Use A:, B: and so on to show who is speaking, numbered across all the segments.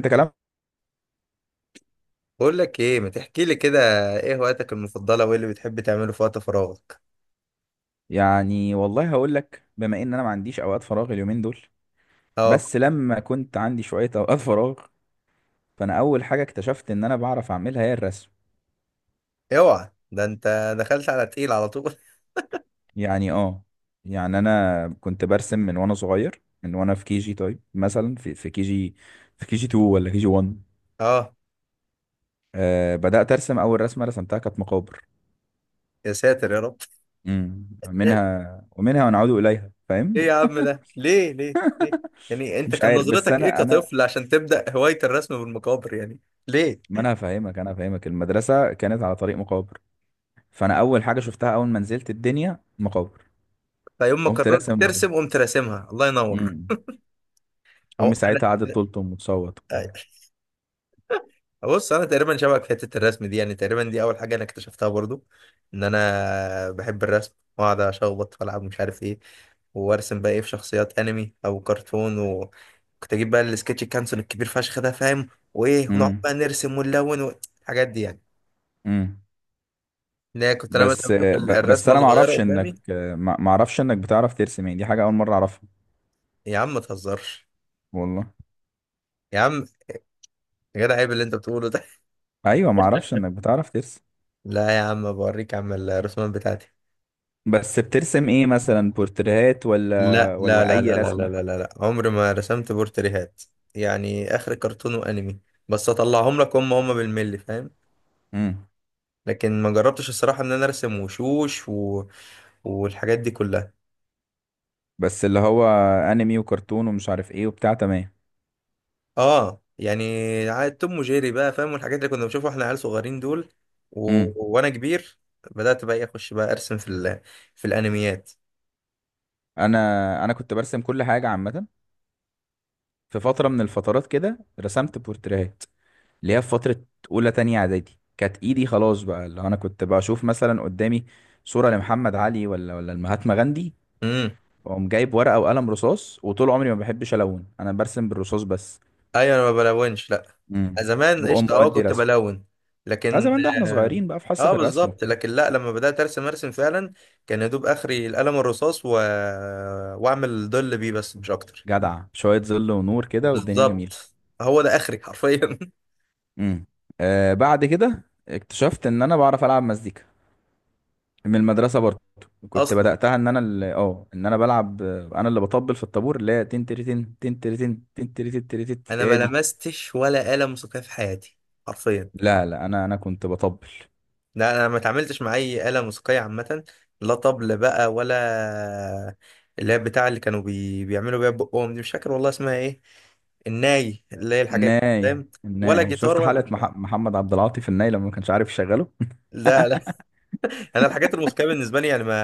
A: انت كلام.
B: بقول لك ايه، ما تحكي لي كده؟ ايه هواياتك المفضله وايه اللي بتحب تعمله في وقت فراغك؟
A: يعني والله هقول لك، بما ان انا ما عنديش اوقات فراغ اليومين دول.
B: اه.
A: بس لما كنت عندي شوية اوقات فراغ، فانا اول حاجة اكتشفت ان انا بعرف اعملها هي الرسم.
B: اوعى، ده انت دخلت على تقيل على طول.
A: يعني اه، يعني انا كنت برسم من وانا صغير، من وانا في كي جي. طيب مثلا في كي جي 2 ولا كي جي 1؟
B: اه.
A: بدأت ارسم، اول رسمة رسمتها كانت مقابر.
B: يا ساتر يا رب.
A: منها ومنها ونعود اليها، فاهم.
B: ايه يا عم ده ليه ليه ليه؟ يعني انت
A: مش
B: كان
A: عارف، بس
B: نظرتك ايه
A: انا
B: كطفل عشان تبدا هوايه الرسم بالمقابر يعني؟ ليه؟
A: ما انا هفهمك المدرسة كانت على طريق مقابر، فانا اول حاجه شفتها اول ما نزلت الدنيا مقابر.
B: فيوم ما
A: قمت
B: قررت
A: راسم.
B: ترسم قمت راسمها؟ الله ينور.
A: امم امي
B: أو.
A: ساعتها قعدت تلطم وتصوت
B: انا.
A: وبتاع.
B: بص، انا تقريبا شبهك في حته الرسم دي، يعني تقريبا دي اول حاجه انا اكتشفتها برضو، ان انا بحب الرسم واقعد اشخبط والعب مش عارف ايه، وارسم بقى ايه في شخصيات انمي او كرتون. وكنت اجيب بقى السكتش كانسون الكبير فشخ ده فاهم، وايه ونقعد
A: امم
B: بقى نرسم ونلون الحاجات دي يعني.
A: امم
B: ان هي كنت انا مثلا
A: بس
B: بشوف
A: بس
B: الرسمه
A: انا ما
B: صغيره
A: اعرفش
B: قدامي.
A: انك ما ما اعرفش انك بتعرف ترسم، يعني دي حاجه اول مره اعرفها.
B: يا عم ما تهزرش.
A: والله.
B: يا عم. يا جدع، عيب اللي انت بتقوله ده.
A: ايوه، ما اعرفش انك بتعرف ترسم.
B: لا يا عم، بوريك يا عم الرسومات بتاعتي.
A: بس بترسم ايه؟ مثلا بورتريهات
B: لا
A: ولا
B: لا
A: ولا
B: لا
A: اي
B: لا لا لا لا
A: رسمه؟
B: لا لا، عمري ما رسمت بورتريهات. يعني اخر كرتون وانمي، بس اطلعهم لك هم هم بالملي فاهم.
A: امم
B: لكن ما جربتش الصراحه ان انا ارسم وشوش و... والحاجات دي كلها.
A: بس اللي هو انمي وكرتون ومش عارف ايه وبتاع، تمام.
B: اه يعني، عاد توم وجيري بقى فاهم، والحاجات اللي كنا بنشوفها واحنا عيال صغيرين دول، و...
A: امم
B: وانا كبير بدات بقى إيه، اخش بقى ارسم في ال... في الانميات.
A: انا انا كنت برسم كل حاجه عامه. في فتره من الفترات كده رسمت بورتريهات، اللي هي في فترة أولى تانية إعدادي، كانت إيدي خلاص بقى، اللي أنا كنت بشوف مثلا قدامي صورة لمحمد علي ولا المهاتما غاندي،
B: امم.
A: وأقوم جايب ورقة وقلم رصاص. وطول عمري ما بحبش ألون، أنا برسم بالرصاص بس.
B: ايوه، انا ما بلونش، لا.
A: امم
B: زمان
A: وأقوم
B: قشطه اه
A: مودي
B: كنت
A: رسم.
B: بلون.
A: لا
B: لكن.
A: زمان ده إحنا
B: اه.
A: صغيرين بقى في حصة
B: آه،
A: الرسم
B: بالظبط،
A: وبتاع.
B: لكن لا، لما بدات ارسم ارسم فعلا، كان يا دوب اخري القلم الرصاص و... واعمل ظل بيه بس مش اكتر.
A: جدع، شوية ظل ونور كده والدنيا جميلة.
B: بالظبط. هو ده اخري حرفيا.
A: امم بعد كده اكتشفت إن أنا بعرف ألعب مزيكا، من المدرسه برضه. كنت
B: اصلا
A: بداتها ان انا اللي اه ان انا بلعب انا اللي بطبل في الطابور، اللي هي تن تريتن تن تريتن تن تريتن تريتن،
B: انا
A: هي
B: ما
A: دي.
B: لمستش ولا قلم موسيقيه في حياتي، حرفيا.
A: لا لا، انا كنت بطبل.
B: لا، انا ما اتعاملتش مع اي آلة موسيقية عامة. لا طبل بقى ولا. اللي هي بتاع اللي كانوا بيعملوا بيها بقهم دي، مش فاكر والله اسمها ايه. الناي اللي هي الحاجات دي،
A: الناي
B: فاهم؟ ولا
A: الناي
B: جيتار
A: شفت حلقه
B: ولا،
A: محمد عبد العاطي في الناي لما ما كانش عارف يشغله.
B: لا لا. انا الحاجات الموسيقية بالنسبة لي يعني ما،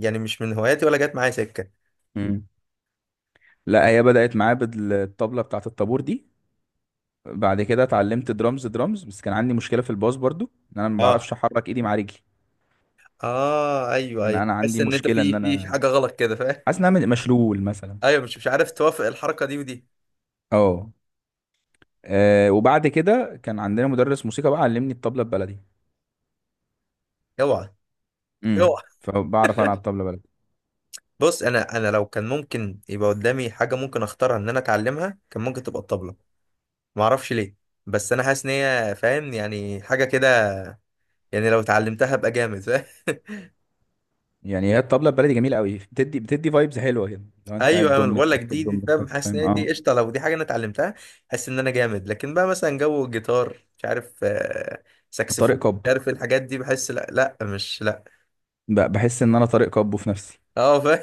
B: يعني مش من هواياتي ولا جت معايا سكة.
A: مم. لا هي بدات معايا بالطبله بتاعه الطابور دي. بعد كده اتعلمت درامز درامز، بس كان عندي مشكله في الباص برضو، ان انا ما
B: اه.
A: بعرفش احرك ايدي مع رجلي.
B: اه ايوه
A: يعني
B: ايوه،
A: انا
B: تحس
A: عندي
B: ان انت
A: مشكله،
B: في
A: ان
B: في
A: انا
B: حاجة غلط كده، فاهم.
A: حاسس ان انا مشلول مثلا،
B: ايوه، مش عارف توافق الحركة دي ودي.
A: اه. وبعد كده كان عندنا مدرس موسيقى بقى، علمني الطبلة البلدي.
B: اوعى.
A: فبعرف العب طبلة بلدي.
B: بص، انا لو كان ممكن يبقى قدامي حاجه ممكن اختارها ان انا اتعلمها، كان ممكن تبقى الطبله. ما اعرفش ليه، بس انا حاسس ان هي فاهم يعني حاجه كده، يعني لو اتعلمتها ابقى جامد فاهم.
A: يعني هي الطبلة البلدي جميلة قوي، بتدي فايبز حلوة كده. لو انت قاعد
B: ايوه انا
A: دم
B: بقول لك
A: التك
B: دي
A: دم
B: دي فاهم،
A: التك،
B: حاسس ان
A: فاهم،
B: هي دي
A: اه.
B: قشطه لو دي حاجه انا اتعلمتها. حاسس ان انا جامد، لكن بقى مثلا جو الجيتار مش عارف، آه،
A: طارق
B: ساكسفون مش
A: كابو،
B: عارف إيه الحاجات دي، بحس لا لا مش لا.
A: بحس ان انا طارق كابو في نفسي.
B: اه فاهم.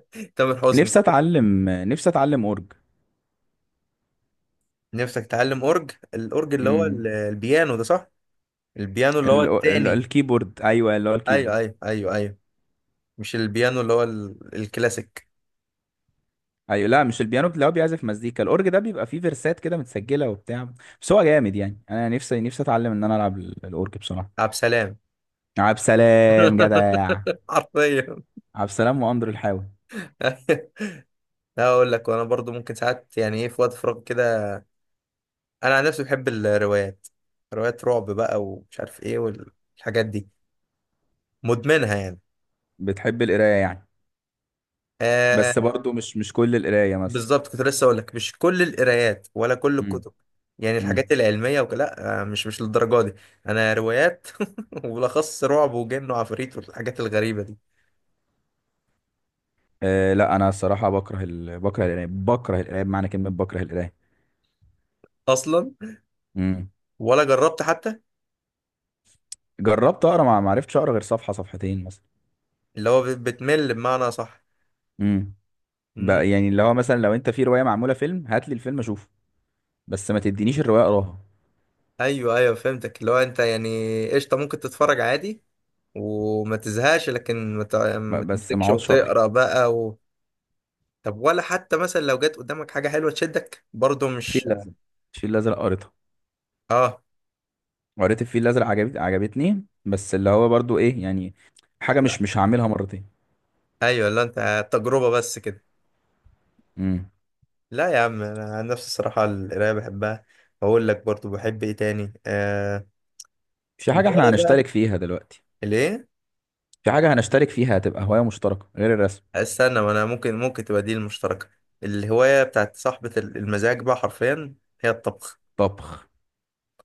B: تامر حسني.
A: نفسي اتعلم اورج.
B: نفسك تتعلم اورج؟ الاورج اللي هو
A: امم
B: البيانو ده صح؟ البيانو اللي هو التاني.
A: الكيبورد، ايوه اللي هو
B: ايوه
A: الكيبورد.
B: ايوه ايوه ايوه. مش البيانو اللي هو الكلاسيك.
A: ايوه، لا، مش البيانو اللي هو بيعزف مزيكا، الاورج ده بيبقى فيه فيرسات كده متسجله وبتاع. بس هو جامد، يعني انا نفسي اتعلم ان انا العب الاورج بصراحه.
B: عبد السلام.
A: عب سلام جدع.
B: حرفيا.
A: عبد السلام وأندر الحاوي.
B: لا اقول لك، وانا برضو ممكن ساعات يعني ايه في وقت فراغ كده، انا عن نفسي بحب الروايات. روايات رعب بقى ومش عارف ايه والحاجات دي، مدمنها يعني.
A: بتحب القراية يعني؟ بس
B: آه.
A: برضو مش كل القراية مثلا.
B: بالظبط، كنت لسه اقول لك مش كل القرايات ولا كل
A: امم
B: الكتب. يعني الحاجات
A: امم
B: العلميه وكده لا، آه، مش للدرجه دي. انا روايات. وبالاخص رعب وجن وعفاريت والحاجات الغريبه دي.
A: لا، أنا الصراحة بكره بكره القراية بمعنى كلمة بكره القراية.
B: اصلا
A: امم
B: ولا جربت حتى.
A: جربت أقرأ، ما عرفتش أقرأ غير صفحة صفحتين مثلا.
B: اللي هو بتمل بمعنى، صح؟
A: امم
B: مم.
A: بقى يعني اللي هو مثلا لو أنت في رواية معمولة فيلم هات لي الفيلم أشوفه، بس ما تدينيش الرواية أقراها.
B: ايوه ايوه فهمتك، اللي هو انت يعني قشطه ممكن تتفرج عادي وما تزهقش، لكن ما
A: بس ما
B: تمسكش
A: أقعدش أقرأ.
B: وتقرا بقى و... طب ولا حتى مثلا لو جت قدامك حاجه حلوه تشدك برضو،
A: الفيل
B: مش؟
A: الأزرق الفيل الأزرق قريتها،
B: اه.
A: قريت الفيل الأزرق، عجبتني، بس اللي هو برضو إيه يعني، حاجة
B: لا.
A: مش هعملها مرتين.
B: ايوه، لا انت تجربه بس كده.
A: امم
B: لا يا عم، انا عن نفسي الصراحه القرايه بحبها. اقول لك برضو بحب ايه تاني، آه،
A: في حاجة احنا
B: الهوايه بقى.
A: هنشترك فيها دلوقتي،
B: ليه؟
A: في حاجة هنشترك فيها، هتبقى هواية مشتركة غير الرسم.
B: استنى، ما انا ممكن تبقى دي المشتركه. الهوايه بتاعت صاحبه المزاج بقى، حرفيا، هي الطبخ.
A: طبخ.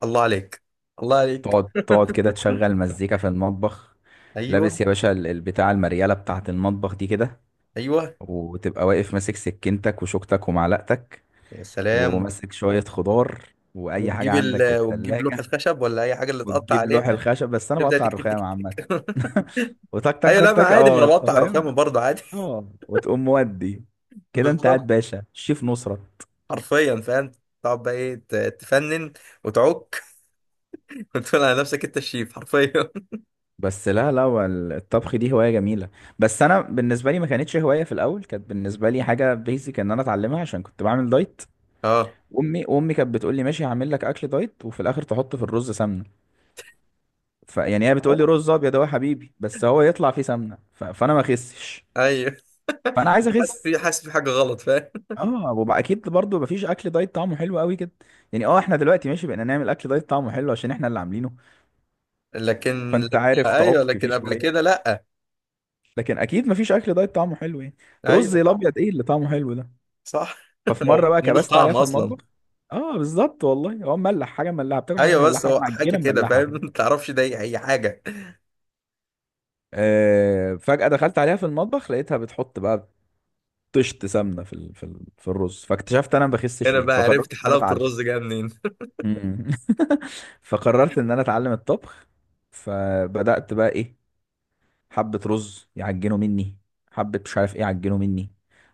B: الله عليك. الله عليك.
A: تقعد كده تشغل مزيكا في المطبخ.
B: ايوه.
A: لابس يا باشا البتاع، المريالة بتاعة المطبخ دي كده.
B: ايوه.
A: وتبقى واقف ماسك سكينتك وشوكتك ومعلقتك،
B: يا سلام.
A: وماسك شوية خضار وأي حاجة
B: وتجيب
A: عندك في
B: وتجيب لوح
A: التلاجة.
B: الخشب ولا اي حاجه اللي تقطع
A: وتجيب لوح
B: عليها.
A: الخشب، بس أنا
B: تبدا
A: بقطع
B: تك تك
A: الرخام
B: تك
A: عامة.
B: تك.
A: وتك تك
B: ايوه
A: تك
B: لا ما
A: تك،
B: عادي، ما انا
A: اه، انت
B: بقطع الرخامه
A: فاهم.
B: برضه عادي.
A: اه وتقوم مودي كده، انت قاعد
B: بالظبط.
A: باشا شيف نصرة.
B: حرفيا فاهم. تقعد بقى ايه تفنن وتعك. وتقول على نفسك انت الشيف، حرفيا.
A: بس لا لا، هو الطبخ دي هواية جميلة. بس أنا بالنسبة لي ما كانتش هواية في الأول، كانت بالنسبة لي حاجة بيزك إن أنا أتعلمها عشان كنت بعمل دايت.
B: اه.
A: وأمي كانت بتقول لي ماشي هعمل لك أكل دايت، وفي الآخر تحط في الرز سمنة. فيعني هي بتقول لي رز أبيض أهو يا حبيبي، بس هو يطلع فيه سمنة. فأنا ما أخسش،
B: ايوه،
A: فأنا عايز أخس.
B: حاسس في حاجه غلط، فاهم.
A: وبقى أكيد برضه مفيش أكل دايت طعمه حلو قوي كده. يعني إحنا دلوقتي ماشي بقينا نعمل أكل دايت طعمه حلو عشان إحنا اللي عاملينه،
B: لكن
A: فأنت
B: لما-
A: عارف
B: ايوه
A: تعك فيه
B: لكن قبل كده
A: شوية.
B: لا.
A: لكن أكيد مفيش أكل دايت طعمه حلو يعني، رز
B: ايوه صح.
A: الأبيض إيه اللي طعمه حلو ده؟
B: صح.
A: ففي
B: هو
A: مره بقى
B: ملوش
A: كبست عليها
B: طعم
A: في
B: اصلا.
A: المطبخ. اه بالظبط والله، هو مملح، حاجه مملحه، بتاكل حاجه
B: ايوه
A: مملحه،
B: بس
A: حاجه
B: هو حاجه
A: معجنه
B: كده
A: مملحه
B: فاهم،
A: كده.
B: ما تعرفش ده ايه، هي حاجه.
A: فجاه دخلت عليها في المطبخ لقيتها بتحط بقى طشت سمنه في الرز، فاكتشفت انا ما بخسش
B: هنا
A: ليه،
B: بقى
A: فقررت
B: عرفت
A: ان انا
B: حلاوه
A: اتعلم.
B: الرز جايه منين.
A: مم. فقررت ان انا اتعلم الطبخ. فبدات بقى ايه، حبه رز يعجنوا مني، حبه مش عارف ايه يعجنوا مني،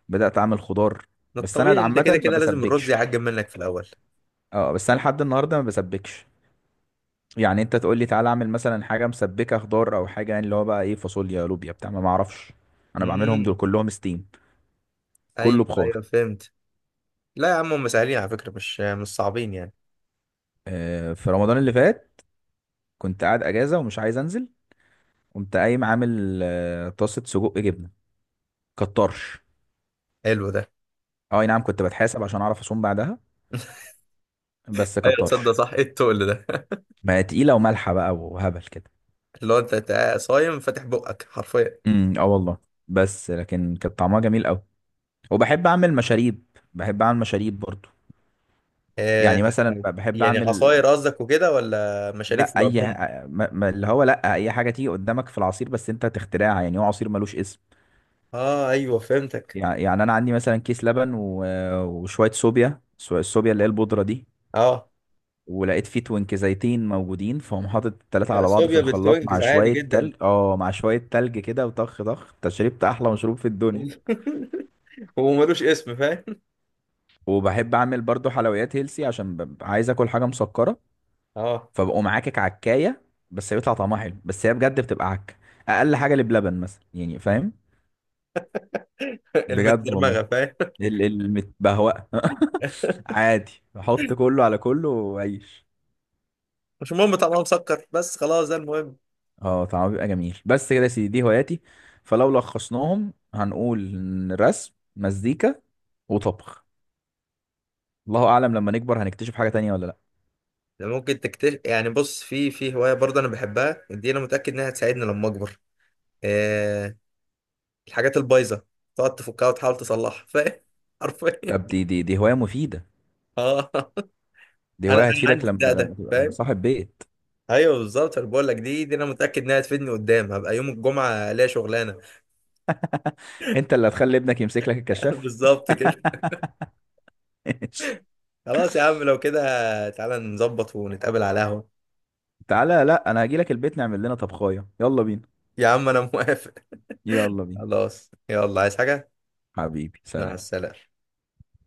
A: بدات اعمل خضار.
B: ما
A: بس انا
B: الطبيعي انت كده
A: عامه ما
B: كده لازم الرز
A: بسبكش،
B: يعجن منك في الاول.
A: اه بس انا لحد النهارده ما بسبكش. يعني انت تقول لي تعالى اعمل مثلا حاجه مسبكه، خضار او حاجه، يعني اللي هو بقى ايه، فاصوليا، لوبيا، بتاع، ما معرفش، انا بعملهم دول
B: امم.
A: كلهم ستيم،
B: ايوه
A: كله بخار.
B: ايوه فهمت. لا يا عم هم سهلين على فكره، مش صعبين يعني.
A: في رمضان اللي فات كنت قاعد اجازه ومش عايز انزل، قمت قايم عامل طاسه سجق جبنه، كطرش.
B: حلو ده.
A: اه أي نعم، كنت بتحاسب عشان اعرف اصوم بعدها. بس
B: ايوه تصدق،
A: كطرش،
B: صح، ايه التقل ده.
A: ما هي تقيله ومالحه بقى وهبل كده.
B: اللي هو انت تبقى صايم فاتح بقك، حرفيا.
A: اه والله. بس لكن كانت طعمها جميل قوي. وبحب اعمل مشاريب برضو.
B: آه.
A: يعني مثلا بحب
B: يعني
A: اعمل،
B: عصاير قصدك وكده ولا مشاريب في
A: لا اي
B: العموم؟
A: ح- ما ما- اللي هو لا، اي حاجه تيجي قدامك في العصير، بس انت تخترعها، يعني هو عصير ملوش اسم.
B: اه ايوه فهمتك.
A: يعني انا عندي مثلا كيس لبن وشويه صوبيا، الصوبيا اللي هي البودره دي.
B: اه.
A: ولقيت فيه توينك زيتين موجودين، فهم حاطط التلاته
B: يا
A: على بعض في
B: صوبيا
A: الخلاط
B: بالتوينكس عادي جدا.
A: مع شويه تلج كده، وطخ طخ، انت شربت احلى مشروب في الدنيا.
B: وملوش اسم فاهم.
A: وبحب اعمل برضو حلويات هيلسي عشان ببقى عايز اكل حاجه مسكره.
B: اه.
A: فبقوم عاكك عكايه، بس بيطلع طعمها حلو، بس هي بجد بتبقى عك. اقل حاجه اللي بلبن مثلا، يعني فاهم، بجد
B: المتدرمغه
A: والله.
B: فاهم.
A: المتبهوأة. عادي، بحط كله على كله وعيش.
B: مش مهم طعمها مسكر بس خلاص، ده المهم.
A: اه طعمه بيبقى جميل. بس كده يا سيدي، دي هواياتي. فلو لخصناهم هنقول إن رسم، مزيكا، وطبخ. الله اعلم لما نكبر هنكتشف حاجة تانية ولا لا.
B: ده ممكن تكتشف، يعني بص في هوايه برضه انا بحبها دي، انا متاكد انها هتساعدني لما اكبر. آه. الحاجات البايظه تقعد تفكها وتحاول تصلحها، فاهم. حرفيا.
A: طب دي هواية مفيدة.
B: اه،
A: دي
B: انا
A: هواية هتفيدك
B: عندي
A: لما
B: الدق
A: لما
B: ده
A: تبقى
B: فاهم.
A: صاحب بيت.
B: ايوه بالظبط انا بقول لك دي انا متاكد انها هتفيدني قدام، هبقى يوم الجمعه ليا شغلانه.
A: انت اللي هتخلي ابنك يمسك لك الكشاف.
B: بالظبط كده. خلاص يا عم لو كده تعالى نظبط ونتقابل على القهوه.
A: تعالى، لا انا هجي لك البيت نعمل لنا طبخاية، يلا بينا.
B: يا عم انا موافق.
A: يلا بينا،
B: خلاص يلا، عايز حاجه؟
A: حبيبي،
B: مع
A: سلام.
B: السلامة.